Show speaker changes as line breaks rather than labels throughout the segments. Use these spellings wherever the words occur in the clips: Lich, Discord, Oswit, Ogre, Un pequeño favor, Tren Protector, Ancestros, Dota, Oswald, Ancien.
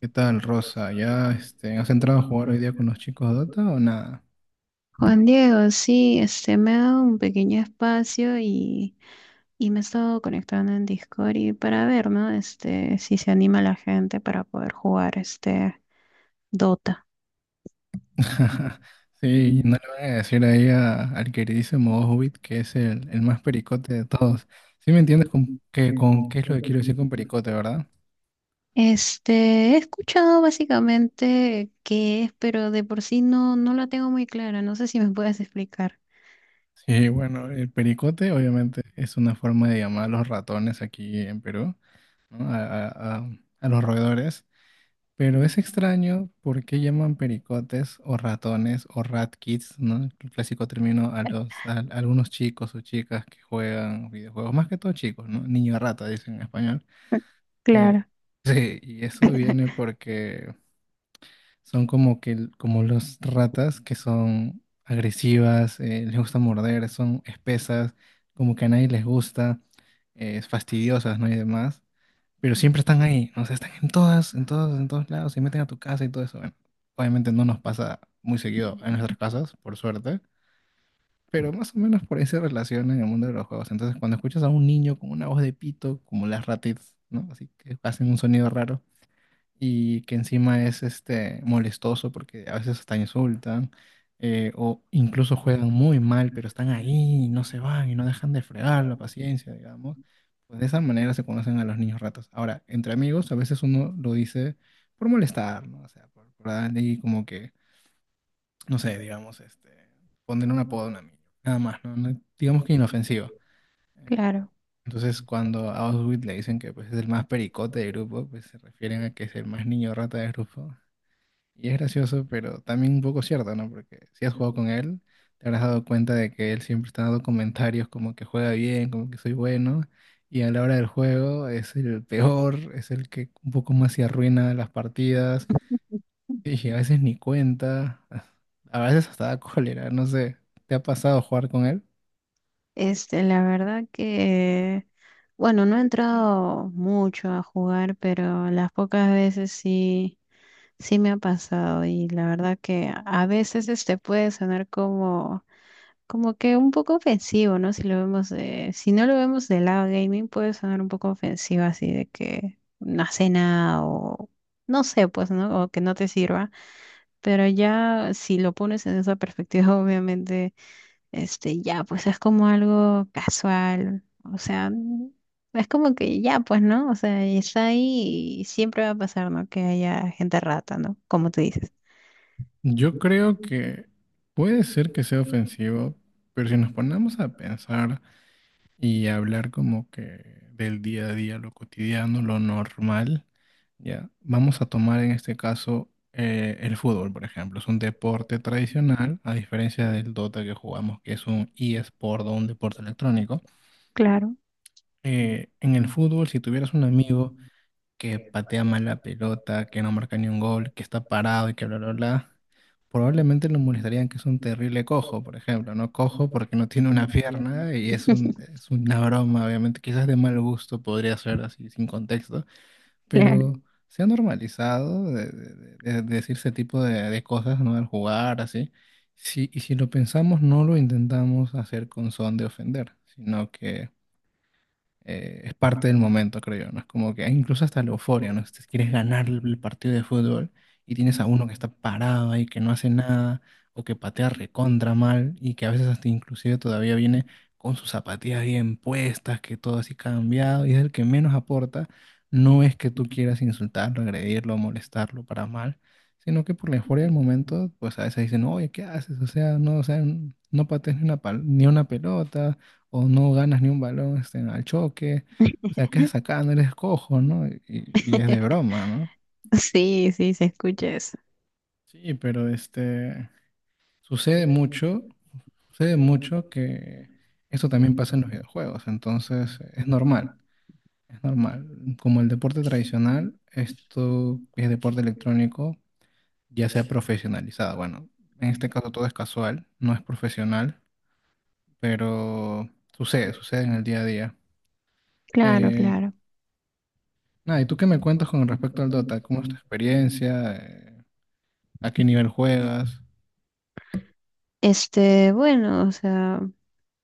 ¿Qué tal, Rosa? ¿Ya has entrado a jugar hoy día con los chicos Dota o nada?
Juan Diego, sí, me ha dado un pequeño espacio y me he estado conectando en Discord y para ver, ¿no? Si se anima la gente para poder jugar Dota.
Sí, no le van a decir ahí al queridísimo Hobbit que es el más pericote de todos. ¿Sí me entiendes con qué es lo que quiero decir con pericote, verdad?
Este, he escuchado básicamente qué es, pero de por sí no la tengo muy clara. No sé si me puedes explicar.
Sí, bueno, el pericote obviamente es una forma de llamar a los ratones aquí en Perú, ¿no? A los roedores. Pero es extraño por qué llaman pericotes o ratones o rat kids, ¿no? El clásico término a los a algunos chicos o chicas que juegan videojuegos, más que todo chicos, ¿no? Niño rata dicen en español. Eh,
Claro,
sí, y eso viene porque son como que como las ratas que son agresivas, les gusta morder, son espesas, como que a nadie les gusta, fastidiosas, ¿no? Y demás, pero siempre están ahí, o sea, están en todas, en todos lados, se meten a tu casa y todo eso. Bueno, obviamente no nos pasa muy seguido en nuestras casas, por suerte, pero más o menos por ahí se relaciona en el mundo de los juegos. Entonces, cuando escuchas a un niño con una voz de pito, como las ratitas, ¿no? Así que hacen un sonido raro, y que encima es molestoso porque a veces hasta insultan, o incluso juegan muy mal, pero están ahí y no se van y no dejan de fregar la paciencia, digamos. Pues de esa manera se conocen a los niños ratas. Ahora, entre amigos, a veces uno lo dice por molestar, ¿no? O sea, por darle ahí como que, no sé, digamos, poner un apodo a un amigo, nada más, ¿no? Digamos que inofensivo. Eh,
claro.
Entonces, cuando a Oswald le dicen que pues, es el más pericote del grupo, pues se refieren a que es el más niño rata del grupo. Y es gracioso, pero también un poco cierto, ¿no? Porque si has jugado con él, te habrás dado cuenta de que él siempre está dando comentarios como que juega bien, como que soy bueno. Y a la hora del juego es el peor, es el que un poco más se arruina las partidas. Y a veces ni cuenta. A veces hasta da cólera, no sé. ¿Te ha pasado jugar con él?
La verdad que, bueno, no he entrado mucho a jugar, pero las pocas veces sí. Sí me ha pasado y la verdad que a veces puede sonar como que un poco ofensivo, ¿no? Si no lo vemos del lado gaming, puede sonar un poco ofensivo así de que una cena o no sé, pues, ¿no? O que no te sirva, pero ya si lo pones en esa perspectiva, obviamente, ya, pues es como algo casual, o sea, es como que ya, pues, ¿no? O sea, está ahí y siempre va a pasar, ¿no? Que haya gente rata, ¿no? Como tú dices.
Yo creo que puede ser que sea ofensivo, pero si nos ponemos a pensar y hablar como que del día a día, lo cotidiano, lo normal, ya, vamos a tomar en este caso el fútbol, por ejemplo. Es un deporte tradicional, a diferencia del Dota que jugamos, que es un eSport o un deporte electrónico.
Claro,
En el fútbol, si tuvieras un amigo que patea mal la pelota, que no marca ni un gol, que está parado y que bla, bla, bla, probablemente lo molestarían que es un terrible cojo, por ejemplo, ¿no? Cojo porque no tiene una pierna y es una broma, obviamente, quizás de mal gusto podría ser así, sin contexto, pero
claro.
se ha normalizado de decir ese tipo de cosas, ¿no? Al jugar, así. Sí, y si lo pensamos, no lo intentamos hacer con son de ofender, sino que es parte del momento, creo yo, ¿no? Es como que hay incluso hasta la euforia, ¿no? Si quieres ganar el partido de fútbol y tienes a uno que está parado ahí, que no hace nada, o que patea recontra mal, y que a veces hasta inclusive todavía viene con sus zapatillas bien puestas, que todo así cambiado, y es el que menos aporta, no es que tú quieras insultarlo, agredirlo, molestarlo para mal, sino que por la euforia del momento, pues a veces dicen, oye, ¿qué haces? O sea, no patees ni una, ni una pelota o no ganas ni un balón, al choque, o sea, ¿qué haces acá? No eres cojo, ¿no? Y es de
Mm.
broma, ¿no?
Sí, sí, se escucha eso.
Sí, pero sucede mucho, sucede mucho que esto también pasa en los videojuegos, entonces es normal, es normal. Como el deporte tradicional, esto es deporte electrónico, ya se ha profesionalizado. Bueno, en este caso todo es casual, no es profesional, pero sucede, sucede en el día a día.
Claro,
Eh,
claro.
Nada, ¿y tú qué me cuentas con respecto al Dota? ¿Cómo es tu experiencia? ¿A qué nivel juegas?
Bueno, o sea.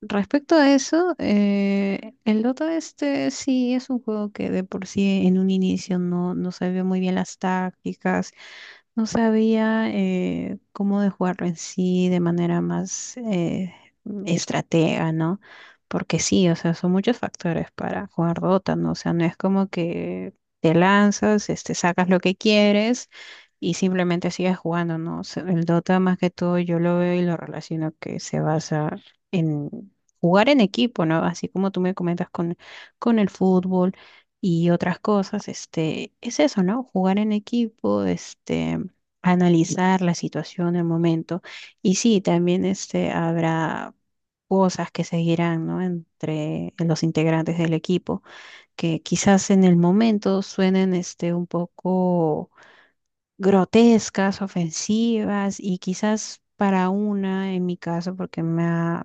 Respecto a eso, el Dota sí es un juego que de por sí en un inicio no sabía muy bien las tácticas, no sabía cómo de jugarlo en sí de manera más estratega, ¿no? Porque sí, o sea, son muchos factores para jugar Dota, ¿no? O sea, no es como que te lanzas, sacas lo que quieres y simplemente sigues jugando, ¿no? O sea, el Dota más que todo yo lo veo y lo relaciono que se basa jugar en equipo, ¿no? Así como tú me comentas con el fútbol y otras cosas, es eso, ¿no? Jugar en equipo, analizar la situación, el momento. Y sí, también habrá cosas que seguirán, ¿no? Entre los integrantes del equipo, que quizás en el momento suenen un poco grotescas, ofensivas, y quizás para una, en mi caso, porque me ha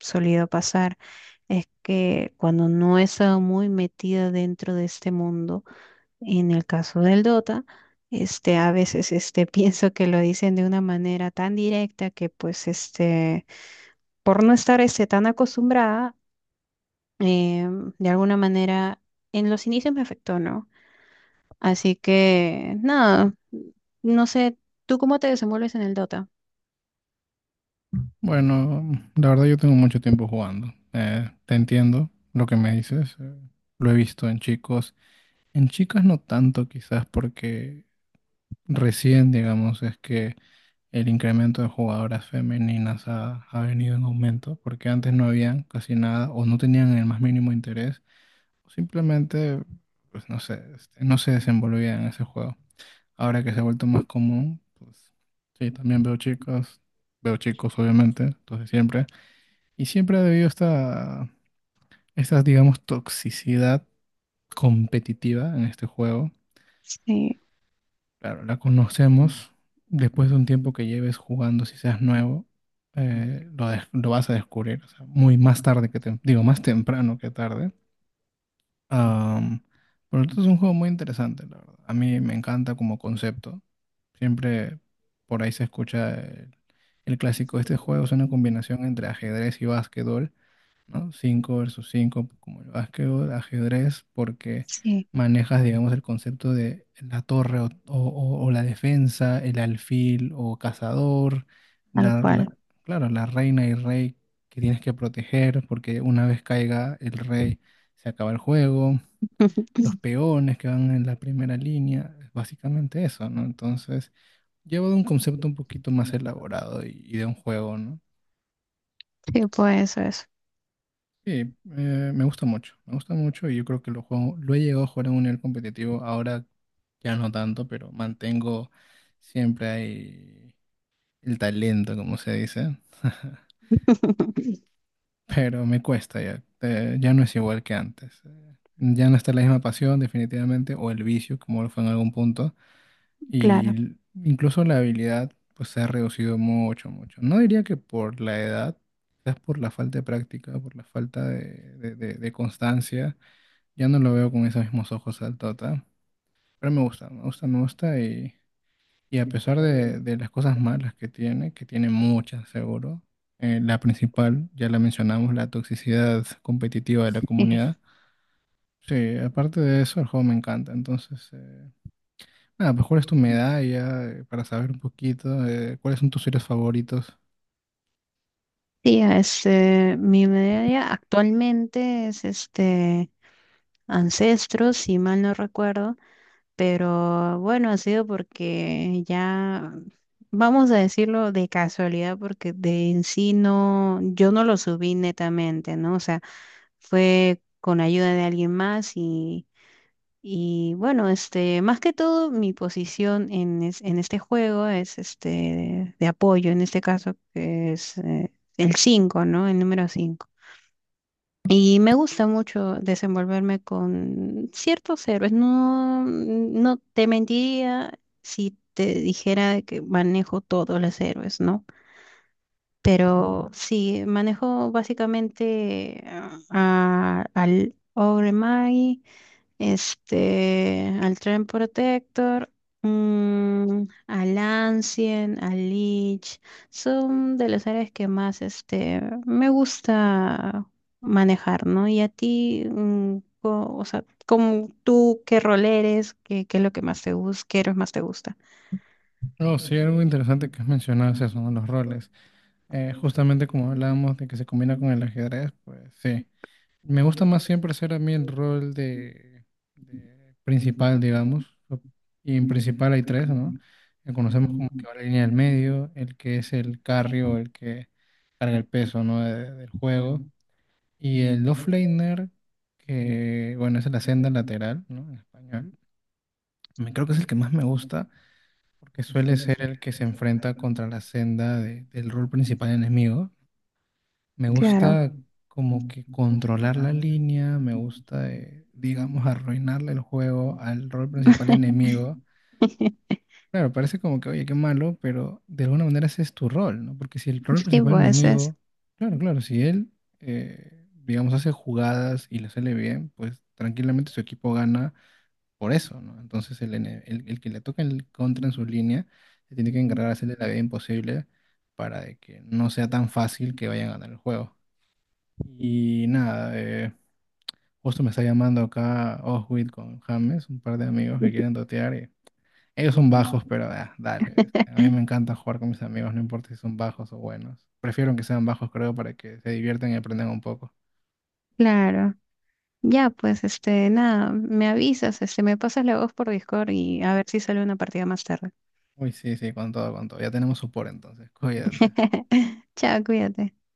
solido pasar, es que cuando no he estado muy metida dentro de este mundo, en el caso del Dota, a veces pienso que lo dicen de una manera tan directa que pues por no estar tan acostumbrada, eh, de alguna manera en los inicios me afectó, ¿no? Así que nada, no sé, ¿tú cómo te desenvuelves en el Dota?
Bueno, la verdad yo tengo mucho tiempo jugando. Te entiendo lo que me dices. Lo he visto en chicos. En chicas no tanto quizás porque recién, digamos, es que el incremento de jugadoras femeninas ha venido en aumento, porque antes no habían casi nada o no tenían el más mínimo interés. Simplemente, pues no sé, no se desenvolvía en ese juego. Ahora que se ha vuelto más común, pues sí, también veo chicos obviamente, entonces siempre. Y siempre ha habido esta, digamos, toxicidad competitiva en este juego.
Sí,
Claro, la conocemos. Después de un tiempo que lleves jugando, si seas nuevo, lo vas a descubrir. O sea, muy más tarde que tem- digo, más temprano que tarde. Am, pero esto es un juego muy interesante, la verdad. A mí me encanta como concepto. Siempre por ahí se escucha el clásico. Este juego es una combinación entre ajedrez y básquetbol, ¿no? 5 versus 5 como el básquetbol, ajedrez, porque
sí,
manejas, digamos, el concepto de la torre o la defensa, el alfil o cazador,
tal
la,
cual.
la- claro, la reina y rey que tienes que proteger, porque una vez caiga el rey se acaba el juego, los peones que van en la primera línea, es básicamente eso, ¿no? Entonces, llevo de un concepto un poquito más elaborado y de un juego, ¿no?
Sí, pues eso es,
Sí, me gusta mucho y yo creo que lo juego, lo he llegado a jugar a un nivel competitivo, ahora ya no tanto, pero mantengo siempre ahí el talento, como se dice, pero me cuesta ya, ya no es igual que antes. Ya no está la misma pasión, definitivamente, o el vicio, como lo fue en algún punto. Y
claro.
l- Incluso la habilidad pues se ha reducido mucho, mucho. No diría que por la edad, quizás por la falta de práctica, por la falta de constancia. Ya no lo veo con esos mismos ojos al Tota. Pero me gusta, me gusta, me gusta. Y a pesar de las cosas malas que tiene muchas seguro, la principal, ya la mencionamos, la toxicidad competitiva de la comunidad. Sí, aparte de eso, el juego me encanta. Entonces. Ah, pues ¿cuál es tu medalla? Para saber un poquito, ¿cuáles son tus series favoritos?
Sí, mi media actualmente es Ancestros, si mal no recuerdo, pero bueno, ha sido porque ya, vamos a decirlo, de casualidad, porque de en sí no, yo no lo subí netamente, ¿no? O sea, fue con ayuda de alguien más y bueno, más que todo mi posición en este juego es de apoyo, en este caso que es el 5, ¿no? El número 5. Y me gusta mucho desenvolverme con ciertos héroes. No te mentiría si te dijera que manejo todos los héroes, ¿no? Pero sí, manejo básicamente al Ogre, al Tren Protector, al Ancien, al Lich, son de las áreas que más me gusta manejar, ¿no? Y a ti, o sea, como tú, ¿qué rol eres? ¿Qué es lo que más te gusta? ¿Qué héroes más te gusta?
Oh, sí, algo interesante que has mencionado es eso, ¿no? Los roles. Justamente como hablábamos de que se combina con el ajedrez, pues sí. Me gusta más siempre hacer a mí el rol de principal, digamos. Y en principal hay tres, ¿no? Que conocemos como que va la línea del medio, el que es el carry o el que carga el peso, ¿no? Del juego. Y el offlaner, que bueno, es la senda lateral, ¿no? En español. Me creo que es el que más me gusta, porque suele ser el que se enfrenta contra la senda del rol principal enemigo. Me
Claro,
gusta como que controlar la línea, me gusta, digamos, arruinarle el juego al rol principal enemigo. Claro, parece como que, oye, qué malo, pero de alguna manera ese es tu rol, ¿no? Porque si el rol
sí,
principal
pues es,
enemigo, claro, claro, si él, digamos, hace jugadas y le sale bien, pues tranquilamente su equipo gana por eso, ¿no? Entonces el que le toca el contra en su línea se tiene que encargar de hacerle la vida imposible para de que no sea tan fácil que vayan a ganar el juego. Y nada, justo me está llamando acá Oswit con James, un par de amigos que quieren dotear. Ellos son bajos, pero ah, dale. A mí me encanta jugar con mis amigos, no importa si son bajos o buenos. Prefiero que sean bajos, creo, para que se diviertan y aprendan un poco.
claro. Ya, pues, nada, me avisas, me pasas la voz por Discord y a ver si sale una partida más tarde.
Uy, sí, sí, con todo, con todo. Ya tenemos support entonces. Cuídate.
Chao, cuídate.